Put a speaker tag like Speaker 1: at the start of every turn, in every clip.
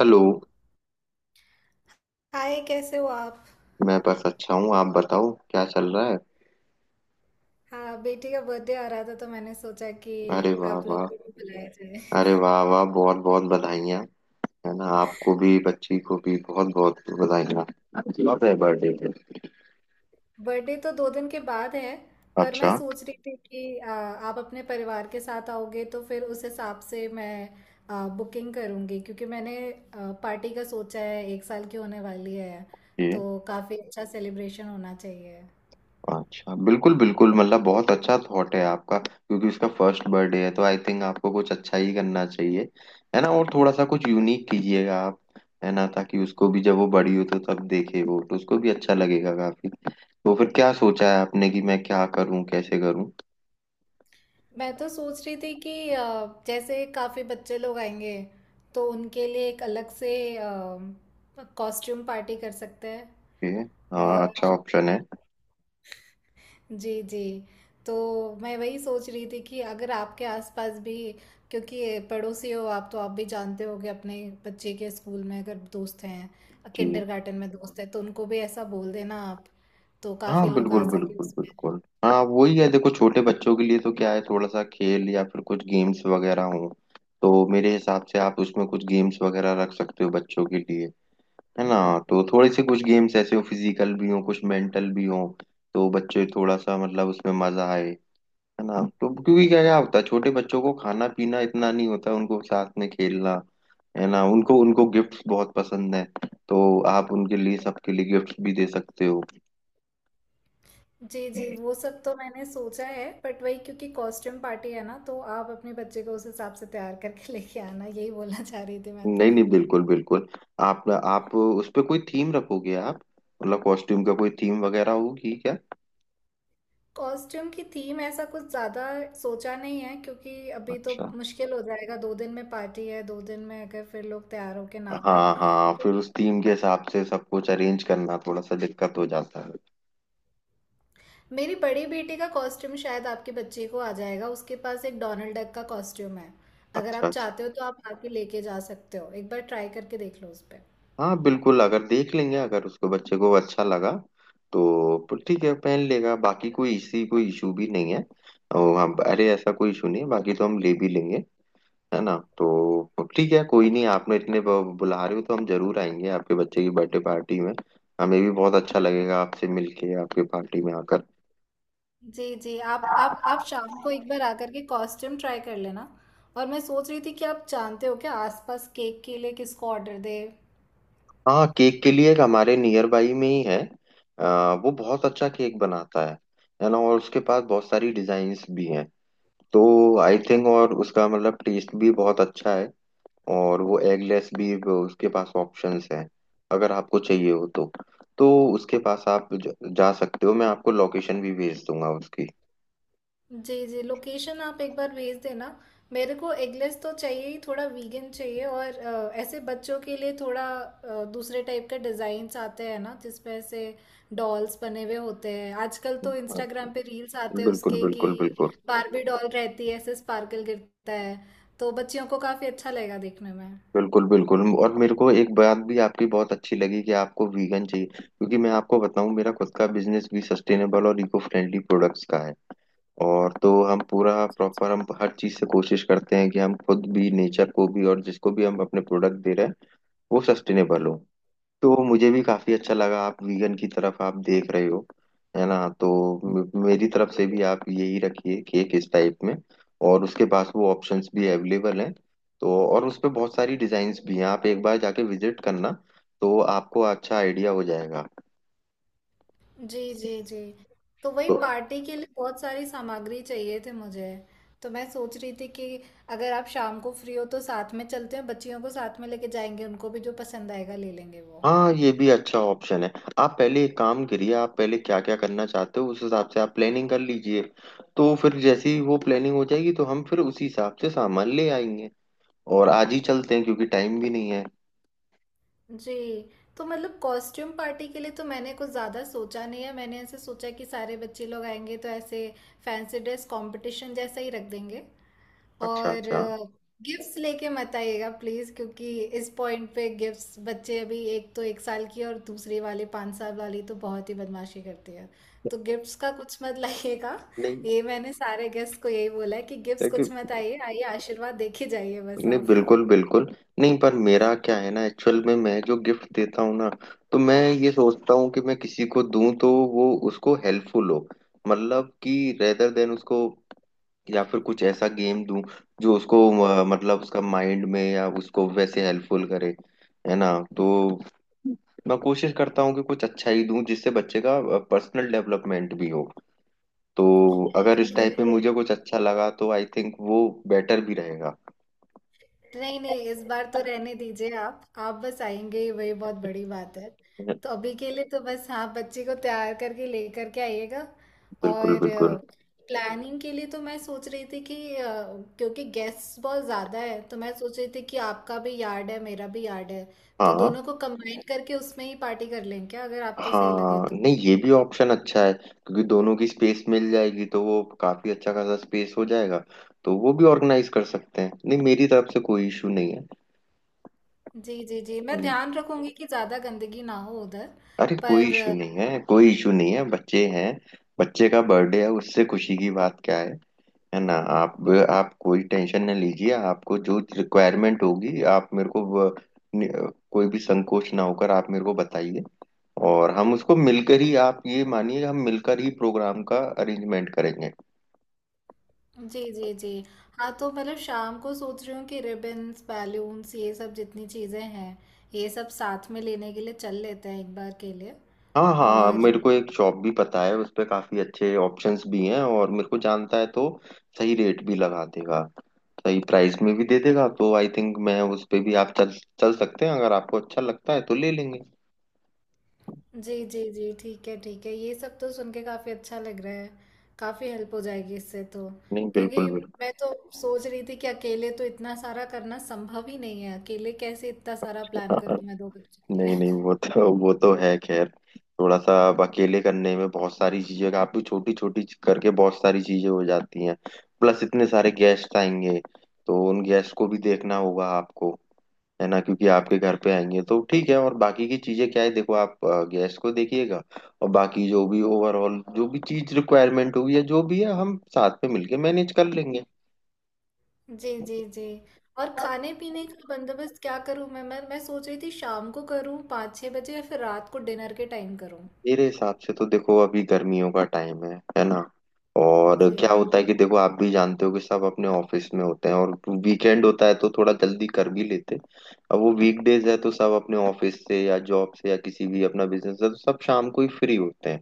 Speaker 1: Hello.
Speaker 2: Hi, कैसे हो आप?
Speaker 1: मैं बस अच्छा हूँ। आप बताओ क्या चल रहा है।
Speaker 2: हाँ, बेटी का बर्थडे आ रहा था तो मैंने सोचा कि
Speaker 1: अरे वाह
Speaker 2: आप
Speaker 1: वाह।
Speaker 2: लोग को भी बुलाया जाए।
Speaker 1: अरे वाह वाह, बहुत बहुत बधाइयाँ, है ना। आपको भी बच्ची को भी बहुत बहुत बधाइयाँ। कब है बर्थडे पे।
Speaker 2: बर्थडे तो 2 दिन के बाद है। पर मैं
Speaker 1: अच्छा।
Speaker 2: सोच रही थी कि आप अपने परिवार के साथ आओगे तो फिर उस हिसाब से मैं बुकिंग करूँगी, क्योंकि मैंने पार्टी का सोचा है। 1 साल की होने वाली है,
Speaker 1: ये।
Speaker 2: तो काफ़ी अच्छा सेलिब्रेशन होना चाहिए।
Speaker 1: अच्छा, बिल्कुल बिल्कुल। मतलब बहुत अच्छा थॉट है आपका, क्योंकि उसका फर्स्ट बर्थडे है, तो आई थिंक आपको कुछ अच्छा ही करना चाहिए। है ना। और थोड़ा सा कुछ यूनिक कीजिएगा आप। है ना, ताकि उसको भी, जब वो बड़ी हो तो तब देखे वो, तो उसको भी अच्छा लगेगा काफी। तो फिर क्या सोचा है आपने कि मैं क्या करूँ कैसे करूँ।
Speaker 2: मैं तो सोच रही थी कि जैसे काफ़ी बच्चे लोग आएंगे, तो उनके लिए एक अलग से कॉस्ट्यूम पार्टी कर सकते हैं।
Speaker 1: ओके। हाँ,
Speaker 2: और।
Speaker 1: अच्छा ऑप्शन है।
Speaker 2: जी, जी। तो मैं वही सोच रही थी कि अगर आपके आसपास भी, क्योंकि पड़ोसी हो आप, तो आप भी जानते होगे अपने बच्चे के स्कूल में, अगर दोस्त हैं,
Speaker 1: जी।
Speaker 2: किंडरगार्टन में दोस्त हैं, तो उनको भी ऐसा बोल देना आप, तो
Speaker 1: हाँ
Speaker 2: काफ़ी
Speaker 1: हाँ,
Speaker 2: लोग आ
Speaker 1: बिल्कुल
Speaker 2: सके
Speaker 1: बिल्कुल
Speaker 2: उसमें।
Speaker 1: बिल्कुल। हाँ, वही है। देखो, छोटे बच्चों के लिए तो क्या है, थोड़ा सा खेल या फिर कुछ गेम्स वगैरह हो। तो मेरे हिसाब से आप उसमें कुछ गेम्स वगैरह रख सकते हो बच्चों के लिए। है ना। तो थोड़े से कुछ गेम्स ऐसे हो, फिजिकल भी हो कुछ, मेंटल भी हो। तो बच्चे थोड़ा सा मतलब उसमें मजा आए। है ना, तो क्योंकि क्या क्या होता है, छोटे बच्चों को खाना पीना इतना नहीं होता, उनको साथ में खेलना। है ना, उनको उनको गिफ्ट्स बहुत पसंद है। तो आप उनके लिए, सबके लिए गिफ्ट्स भी दे सकते हो।
Speaker 2: जी, जी। वो सब तो मैंने सोचा है, बट वही, क्योंकि कॉस्ट्यूम पार्टी है ना, तो आप अपने बच्चे को उस हिसाब से तैयार करके लेके आना, यही बोलना चाह रही थी मैं
Speaker 1: नहीं
Speaker 2: तो।
Speaker 1: नहीं, बिल्कुल बिल्कुल। आप उस पे कोई थीम रखोगे आप। मतलब कॉस्ट्यूम का कोई थीम वगैरह होगी क्या।
Speaker 2: कॉस्ट्यूम की थीम ऐसा कुछ ज़्यादा सोचा नहीं है, क्योंकि अभी तो
Speaker 1: अच्छा।
Speaker 2: मुश्किल हो जाएगा। 2 दिन में पार्टी है, 2 दिन में अगर फिर लोग तैयार होके ना आ पाए
Speaker 1: हाँ हाँ,
Speaker 2: तो?
Speaker 1: फिर उस थीम के हिसाब से सब कुछ अरेंज करना थोड़ा सा दिक्कत हो जाता है।
Speaker 2: मेरी बड़ी बेटी का कॉस्ट्यूम शायद आपके बच्चे को आ जाएगा, उसके पास एक डोनाल्ड डक का कॉस्ट्यूम है। अगर
Speaker 1: अच्छा।
Speaker 2: आप चाहते हो तो आप आके लेके जा सकते हो, एक बार ट्राई करके देख लो उस पर।
Speaker 1: हाँ बिल्कुल, अगर देख लेंगे, अगर उसको बच्चे को अच्छा लगा तो ठीक है, पहन लेगा, बाकी कोई इसी कोई इशू भी नहीं है। और हम, अरे ऐसा कोई इशू नहीं है, बाकी तो हम ले भी लेंगे। है ना। तो ठीक है, कोई नहीं, आपने इतने बुला रहे हो तो हम जरूर आएंगे आपके बच्चे की बर्थडे पार्टी में। हमें भी बहुत अच्छा लगेगा आपसे मिलके, आपके पार्टी में आकर।
Speaker 2: जी, जी। आप शाम को एक बार आकर के कॉस्ट्यूम ट्राई कर लेना। और मैं सोच रही थी कि आप जानते हो क्या, आसपास केक के लिए किसको ऑर्डर दे?
Speaker 1: हाँ, केक के लिए एक हमारे नियर बाई में ही है। वो बहुत अच्छा केक बनाता है। है ना, और उसके पास बहुत सारी डिजाइन्स भी हैं। तो आई थिंक, और उसका मतलब टेस्ट भी बहुत अच्छा है। और वो एगलेस भी, वो उसके पास ऑप्शंस हैं अगर आपको चाहिए हो तो। तो उसके पास आप जा सकते हो, मैं आपको लोकेशन भी भेज दूंगा उसकी।
Speaker 2: जी, जी। लोकेशन आप एक बार भेज देना। मेरे को एगलेस तो चाहिए ही, थोड़ा वीगन चाहिए, और ऐसे बच्चों के लिए थोड़ा दूसरे टाइप के डिज़ाइंस आते हैं ना, जिसमें ऐसे डॉल्स बने हुए होते हैं। आजकल तो इंस्टाग्राम पे
Speaker 1: अच्छा,
Speaker 2: रील्स आते हैं
Speaker 1: बिल्कुल
Speaker 2: उसके कि
Speaker 1: बिल्कुल बिल्कुल
Speaker 2: बारबी डॉल रहती है, ऐसे स्पार्कल गिरता है, तो बच्चियों को काफ़ी अच्छा लगेगा देखने में।
Speaker 1: बिल्कुल बिल्कुल। और मेरे को एक बात भी आपकी बहुत अच्छी लगी कि आपको वीगन चाहिए, क्योंकि मैं आपको बताऊं, मेरा खुद का बिजनेस भी सस्टेनेबल और इको फ्रेंडली प्रोडक्ट्स का है। और तो हम पूरा प्रॉपर, हम हर चीज से कोशिश करते हैं कि हम खुद भी, नेचर को भी, और जिसको भी हम अपने प्रोडक्ट दे रहे हैं वो सस्टेनेबल हो। तो मुझे भी काफी अच्छा लगा, आप वीगन की तरफ आप देख रहे हो। है ना। तो मेरी तरफ से भी आप यही रखिए, केक इस टाइप में। और उसके पास वो ऑप्शंस भी अवेलेबल हैं। तो और उस पे बहुत सारी डिजाइन्स भी हैं, आप एक बार जाके विजिट करना। तो आपको अच्छा आइडिया हो जाएगा।
Speaker 2: जी, जी, जी। तो वही
Speaker 1: तो
Speaker 2: पार्टी के लिए बहुत सारी सामग्री चाहिए थी मुझे। तो मैं सोच रही थी कि अगर आप शाम को फ्री हो, तो साथ में चलते हैं, बच्चियों को साथ में लेके जाएंगे, उनको भी जो पसंद आएगा ले लेंगे वो।
Speaker 1: हाँ, ये भी अच्छा ऑप्शन है। आप पहले एक काम करिए, आप पहले क्या क्या करना चाहते हो उस हिसाब से आप प्लानिंग कर लीजिए। तो फिर जैसी वो प्लानिंग हो जाएगी, तो हम फिर उसी हिसाब से सामान ले आएंगे। और आज ही चलते हैं क्योंकि टाइम भी नहीं है।
Speaker 2: जी। तो मतलब कॉस्ट्यूम पार्टी के लिए तो मैंने कुछ ज़्यादा सोचा नहीं है, मैंने ऐसे सोचा कि सारे बच्चे लोग आएंगे तो ऐसे फैंसी ड्रेस कंपटीशन जैसा ही रख देंगे।
Speaker 1: अच्छा
Speaker 2: और
Speaker 1: अच्छा।
Speaker 2: गिफ्ट्स लेके मत आइएगा प्लीज, क्योंकि इस पॉइंट पे गिफ्ट्स, बच्चे अभी, एक तो 1 साल की है और दूसरी वाली 5 साल वाली तो बहुत ही बदमाशी करती है, तो गिफ्ट्स का कुछ मत लाइएगा।
Speaker 1: नहीं।
Speaker 2: ये मैंने सारे गेस्ट को यही बोला है कि गिफ्ट्स
Speaker 1: लेकिन।
Speaker 2: कुछ मत, आइए आइए, आशीर्वाद देखे जाइए बस
Speaker 1: नहीं,
Speaker 2: आप।
Speaker 1: बिल्कुल बिल्कुल। नहीं, पर मेरा क्या है ना, एक्चुअल में मैं जो गिफ्ट देता हूँ ना, तो मैं ये सोचता हूँ कि मैं किसी को दूं तो वो उसको हेल्पफुल हो। मतलब कि रेदर देन उसको, या फिर कुछ ऐसा गेम दूं जो उसको मतलब उसका माइंड में, या उसको वैसे हेल्पफुल करे। है ना। तो मैं कोशिश करता हूँ कि कुछ अच्छा ही दूं, जिससे बच्चे का पर्सनल डेवलपमेंट भी हो। तो अगर इस टाइप में मुझे कुछ अच्छा लगा तो आई थिंक वो बेटर भी रहेगा।
Speaker 2: नहीं, नहीं, इस बार तो रहने दीजिए। आप बस आएंगे ही, वही बहुत बड़ी बात है। तो अभी के लिए तो बस, हाँ, बच्चे को तैयार करके लेकर के आइएगा।
Speaker 1: बिल्कुल
Speaker 2: और
Speaker 1: बिल्कुल।
Speaker 2: प्लानिंग के लिए तो मैं सोच रही थी कि क्योंकि गेस्ट बहुत ज़्यादा है, तो मैं सोच रही थी कि आपका भी यार्ड है, मेरा भी यार्ड है। तो
Speaker 1: हाँ
Speaker 2: दोनों को कंबाइन करके उसमें ही पार्टी कर लें क्या, अगर आपको सही लगे
Speaker 1: हाँ,
Speaker 2: तो?
Speaker 1: नहीं ये भी ऑप्शन अच्छा है, क्योंकि दोनों की स्पेस मिल जाएगी, तो वो काफी अच्छा खासा स्पेस हो जाएगा। तो वो भी ऑर्गेनाइज कर सकते हैं, नहीं मेरी तरफ से कोई इशू नहीं
Speaker 2: जी, जी, जी। मैं
Speaker 1: है।
Speaker 2: ध्यान रखूंगी कि ज़्यादा गंदगी ना हो उधर।
Speaker 1: अरे कोई
Speaker 2: पर।
Speaker 1: इशू नहीं है, कोई इशू नहीं है, बच्चे हैं। बच्चे का बर्थडे है, उससे खुशी की बात क्या है। है ना। आप कोई टेंशन ना लीजिए, आपको जो रिक्वायरमेंट होगी आप मेरे को नि- कोई भी संकोच ना होकर आप मेरे को बताइए। और हम उसको मिलकर ही, आप ये मानिए, हम मिलकर ही प्रोग्राम का अरेंजमेंट करेंगे।
Speaker 2: जी, जी, जी। हाँ, तो मतलब शाम को सोच रही हूँ कि रिबन्स, बैलून्स, ये सब जितनी चीज़ें हैं, ये सब साथ में लेने के लिए चल लेते हैं एक बार के लिए।
Speaker 1: हाँ हाँ,
Speaker 2: और।
Speaker 1: मेरे को एक शॉप भी पता है उस पे, काफी अच्छे ऑप्शंस भी हैं और मेरे को जानता है। तो सही रेट भी लगा देगा, सही प्राइस में भी दे देगा, तो आई थिंक मैं उस पे भी, आप चल चल सकते हैं, अगर आपको अच्छा लगता है तो ले लेंगे।
Speaker 2: जी, जी, जी, ठीक है, ठीक है। ये सब तो सुन के काफ़ी अच्छा लग रहा है। काफ़ी हेल्प हो जाएगी इससे तो।
Speaker 1: नहीं, बिल्कुल
Speaker 2: क्योंकि
Speaker 1: बिल्कुल।
Speaker 2: मैं तो सोच रही थी कि अकेले तो इतना सारा करना संभव ही नहीं है। अकेले कैसे इतना सारा प्लान
Speaker 1: हाँ।
Speaker 2: करूँ मैं 2 बच्चों के लिए?
Speaker 1: नहीं नहीं, वो तो है खैर। थोड़ा सा अब अकेले करने में बहुत सारी चीजें, काफी छोटी छोटी करके बहुत सारी चीजें हो जाती हैं। प्लस इतने सारे गेस्ट आएंगे, तो उन गेस्ट को भी देखना होगा आपको। है ना, क्योंकि आपके घर पे आएंगे तो ठीक है, और बाकी की चीजें क्या है, देखो आप गेस्ट को देखिएगा, और बाकी जो भी ओवरऑल, जो भी चीज रिक्वायरमेंट होगी या जो भी है, हम साथ में मिलके मैनेज कर लेंगे।
Speaker 2: जी, जी, जी। और खाने पीने का बंदोबस्त क्या करूं मैं, सोच रही थी शाम को करूं 5-6 बजे या फिर रात को डिनर के टाइम करूं?
Speaker 1: मेरे हिसाब से तो देखो, अभी गर्मियों का टाइम है ना। और
Speaker 2: जी।
Speaker 1: क्या होता है कि देखो, आप भी जानते हो कि सब अपने ऑफिस में होते हैं, और वीकेंड होता है तो थोड़ा जल्दी कर भी लेते हैं। अब वो वीकडेज है, तो सब अपने ऑफिस से या जॉब से, या किसी भी अपना बिजनेस है, तो सब शाम को ही फ्री होते हैं।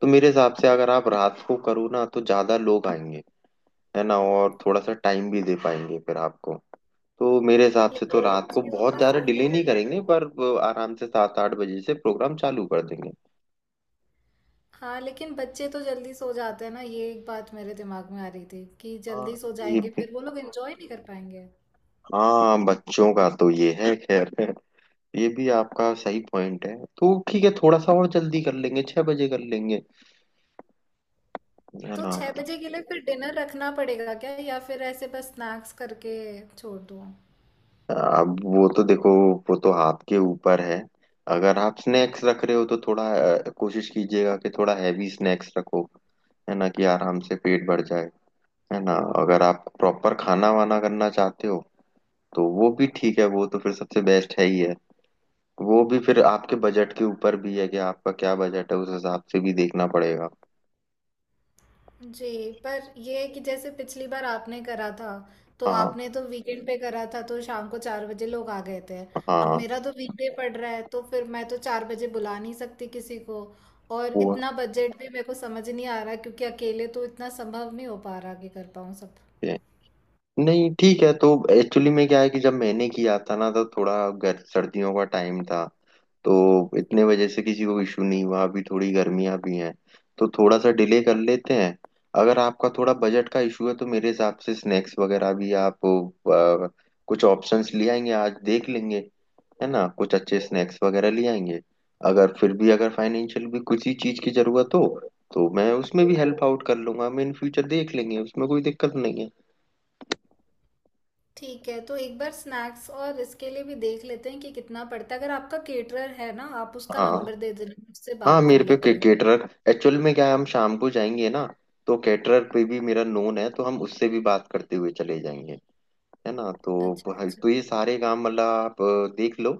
Speaker 1: तो मेरे हिसाब से अगर आप रात को करो ना, तो ज्यादा लोग आएंगे। है ना, और थोड़ा सा टाइम भी दे पाएंगे फिर आपको। तो मेरे हिसाब से तो
Speaker 2: लेकिन
Speaker 1: रात को
Speaker 2: बच्चियों
Speaker 1: बहुत
Speaker 2: का
Speaker 1: ज्यादा
Speaker 2: सोने
Speaker 1: डिले
Speaker 2: का
Speaker 1: नहीं करेंगे,
Speaker 2: टाइम।
Speaker 1: पर वो आराम से 7-8 बजे से प्रोग्राम चालू कर देंगे।
Speaker 2: हाँ, लेकिन बच्चे तो जल्दी सो जाते हैं ना, ये एक बात मेरे दिमाग में आ रही थी कि जल्दी
Speaker 1: हाँ,
Speaker 2: सो
Speaker 1: ये
Speaker 2: जाएंगे,
Speaker 1: भी।
Speaker 2: फिर वो लोग एंजॉय नहीं कर पाएंगे।
Speaker 1: हाँ, बच्चों का तो ये है खैर, ये भी आपका सही पॉइंट है, तो ठीक है, थोड़ा सा और जल्दी कर लेंगे, 6 बजे कर लेंगे। है
Speaker 2: तो
Speaker 1: ना।
Speaker 2: 6 बजे के लिए फिर डिनर रखना पड़ेगा क्या, या फिर ऐसे बस स्नैक्स करके छोड़ दूं?
Speaker 1: अब वो तो देखो, वो तो आपके ऊपर है। अगर आप स्नैक्स रख रहे हो, तो थोड़ा कोशिश कीजिएगा कि थोड़ा हैवी स्नैक्स रखो। है ना, कि आराम से पेट भर जाए। है ना। अगर आप प्रॉपर खाना वाना करना चाहते हो, तो वो भी ठीक है, वो तो फिर सबसे बेस्ट है ही है। वो भी फिर आपके बजट के ऊपर भी है, कि आपका क्या बजट है, उस हिसाब से भी देखना पड़ेगा।
Speaker 2: जी, पर ये है कि जैसे पिछली बार आपने करा था, तो
Speaker 1: हाँ
Speaker 2: आपने तो वीकेंड पे करा था, तो शाम को 4 बजे लोग आ गए थे। अब
Speaker 1: हाँ।
Speaker 2: मेरा तो वीकडे पड़ रहा है, तो फिर मैं तो 4 बजे बुला नहीं सकती किसी को, और
Speaker 1: वो
Speaker 2: इतना बजट भी मेरे को समझ नहीं आ रहा, क्योंकि अकेले तो इतना संभव नहीं हो पा रहा कि कर पाऊँ सब।
Speaker 1: नहीं, ठीक है, तो एक्चुअली में क्या है कि जब मैंने किया था ना, तो थोड़ा गर सर्दियों का टाइम था। तो इतने वजह से किसी को इशू नहीं हुआ, अभी थोड़ी गर्मियां भी हैं तो थोड़ा सा डिले कर लेते हैं। अगर आपका थोड़ा बजट का इशू है, तो मेरे हिसाब से स्नैक्स वगैरह भी आप कुछ ऑप्शंस ले आएंगे, आज देख लेंगे। है ना, कुछ अच्छे स्नैक्स वगैरह ले आएंगे। अगर फिर भी अगर फाइनेंशियल भी किसी चीज़ की ज़रूरत हो, तो मैं उसमें भी हेल्प आउट कर लूंगा, हम इन फ्यूचर देख लेंगे, उसमें कोई दिक्कत नहीं है।
Speaker 2: ठीक है, तो एक बार स्नैक्स और इसके लिए भी देख लेते हैं कि कितना पड़ता है। अगर आपका केटरर है ना, आप उसका नंबर
Speaker 1: हाँ
Speaker 2: दे देना, मैं उससे
Speaker 1: हाँ,
Speaker 2: बात कर
Speaker 1: मेरे
Speaker 2: लेते
Speaker 1: पे
Speaker 2: हुए।
Speaker 1: कैटरर, एक्चुअल में क्या है, हम शाम को जाएंगे ना, तो कैटरर पे भी मेरा नोन है, तो हम उससे भी बात करते हुए चले जाएंगे। है ना। तो
Speaker 2: अच्छा, अच्छा।
Speaker 1: तो ये सारे काम मतलब आप देख लो।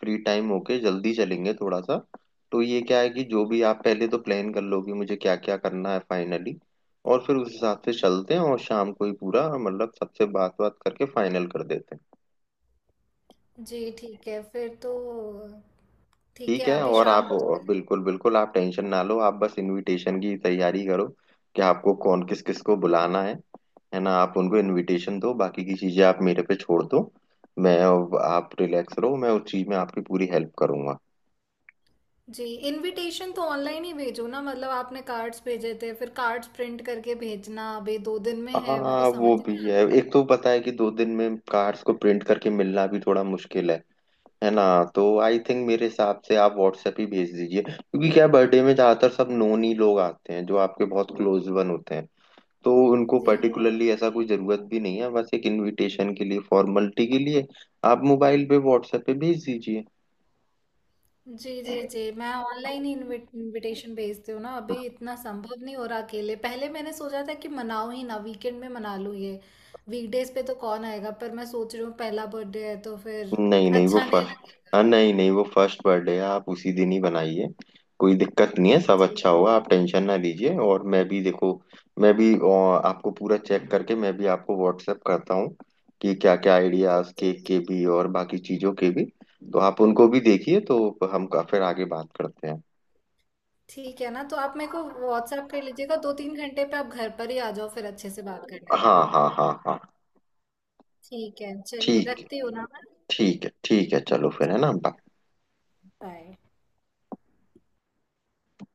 Speaker 1: फ्री टाइम होके जल्दी चलेंगे थोड़ा सा। तो ये क्या है कि जो भी आप पहले तो प्लान कर लो कि मुझे क्या क्या करना है फाइनली, और फिर उस हिसाब से चलते हैं, और शाम को ही पूरा मतलब सबसे बात बात करके फाइनल कर देते हैं।
Speaker 2: जी, ठीक है फिर तो। ठीक
Speaker 1: ठीक
Speaker 2: है,
Speaker 1: है,
Speaker 2: अभी
Speaker 1: और
Speaker 2: शाम
Speaker 1: आप,
Speaker 2: को थोड़ी।
Speaker 1: बिल्कुल बिल्कुल, आप टेंशन ना लो, आप बस इनविटेशन की तैयारी करो कि आपको कौन, किस किस को बुलाना है। है ना, आप उनको इनविटेशन दो, बाकी की चीजें आप मेरे पे छोड़ दो। मैं, आप रिलैक्स रहो, मैं उस चीज में आपकी पूरी हेल्प करूंगा।
Speaker 2: जी, इनविटेशन तो ऑनलाइन ही भेजो ना, मतलब आपने कार्ड्स भेजे थे, फिर कार्ड्स प्रिंट करके भेजना अभी 2 दिन में है, मेरे को
Speaker 1: हाँ
Speaker 2: समझ
Speaker 1: वो भी
Speaker 2: नहीं आ
Speaker 1: है,
Speaker 2: रहा।
Speaker 1: एक तो पता है कि 2 दिन में कार्ड्स को प्रिंट करके मिलना भी थोड़ा मुश्किल है। है ना। तो आई थिंक, मेरे हिसाब से आप व्हाट्सएप ही भेज दीजिए, क्योंकि क्या, बर्थडे में ज्यादातर सब नोन ही लोग आते हैं जो आपके बहुत क्लोज वन होते हैं। तो उनको
Speaker 2: जी,
Speaker 1: पर्टिकुलरली ऐसा कोई जरूरत भी नहीं है, बस एक इनविटेशन के लिए, फॉर्मेलिटी के लिए आप मोबाइल पे व्हाट्सएप पे भेज दीजिए।
Speaker 2: जी, जी, जी। मैं ऑनलाइन ही इनविटेशन भेजती हूँ ना, अभी इतना संभव नहीं हो रहा अकेले। पहले मैंने सोचा था कि मनाऊं ही ना, वीकेंड में मना लूँ, ये वीकडेज पे तो कौन आएगा, पर मैं सोच रही हूँ पहला बर्थडे है, तो फिर
Speaker 1: नहीं नहीं, वो
Speaker 2: अच्छा नहीं
Speaker 1: फर्स्ट। हाँ
Speaker 2: लगेगा।
Speaker 1: नहीं नहीं, वो फर्स्ट बर्थडे है, आप उसी दिन ही बनाइए। कोई दिक्कत नहीं है, सब
Speaker 2: जी,
Speaker 1: अच्छा होगा, आप टेंशन ना लीजिए। और मैं भी देखो, मैं भी आपको पूरा चेक करके, मैं भी आपको व्हाट्सएप करता हूँ कि क्या क्या आइडियाज केक के भी और बाकी चीजों के भी। तो आप उनको भी देखिए, तो हम फिर आगे बात करते हैं।
Speaker 2: ठीक है ना, तो आप मेरे को व्हाट्सएप कर लीजिएगा। 2-3 घंटे पे आप घर पर ही आ जाओ, फिर अच्छे से बात कर लेते हैं
Speaker 1: हाँ
Speaker 2: ना।
Speaker 1: हाँ हाँ हाँ।
Speaker 2: ठीक है, चलिए
Speaker 1: ठीक
Speaker 2: रखती हूँ ना मैं।
Speaker 1: ठीक है, ठीक है, चलो फिर, है ना।
Speaker 2: बाय।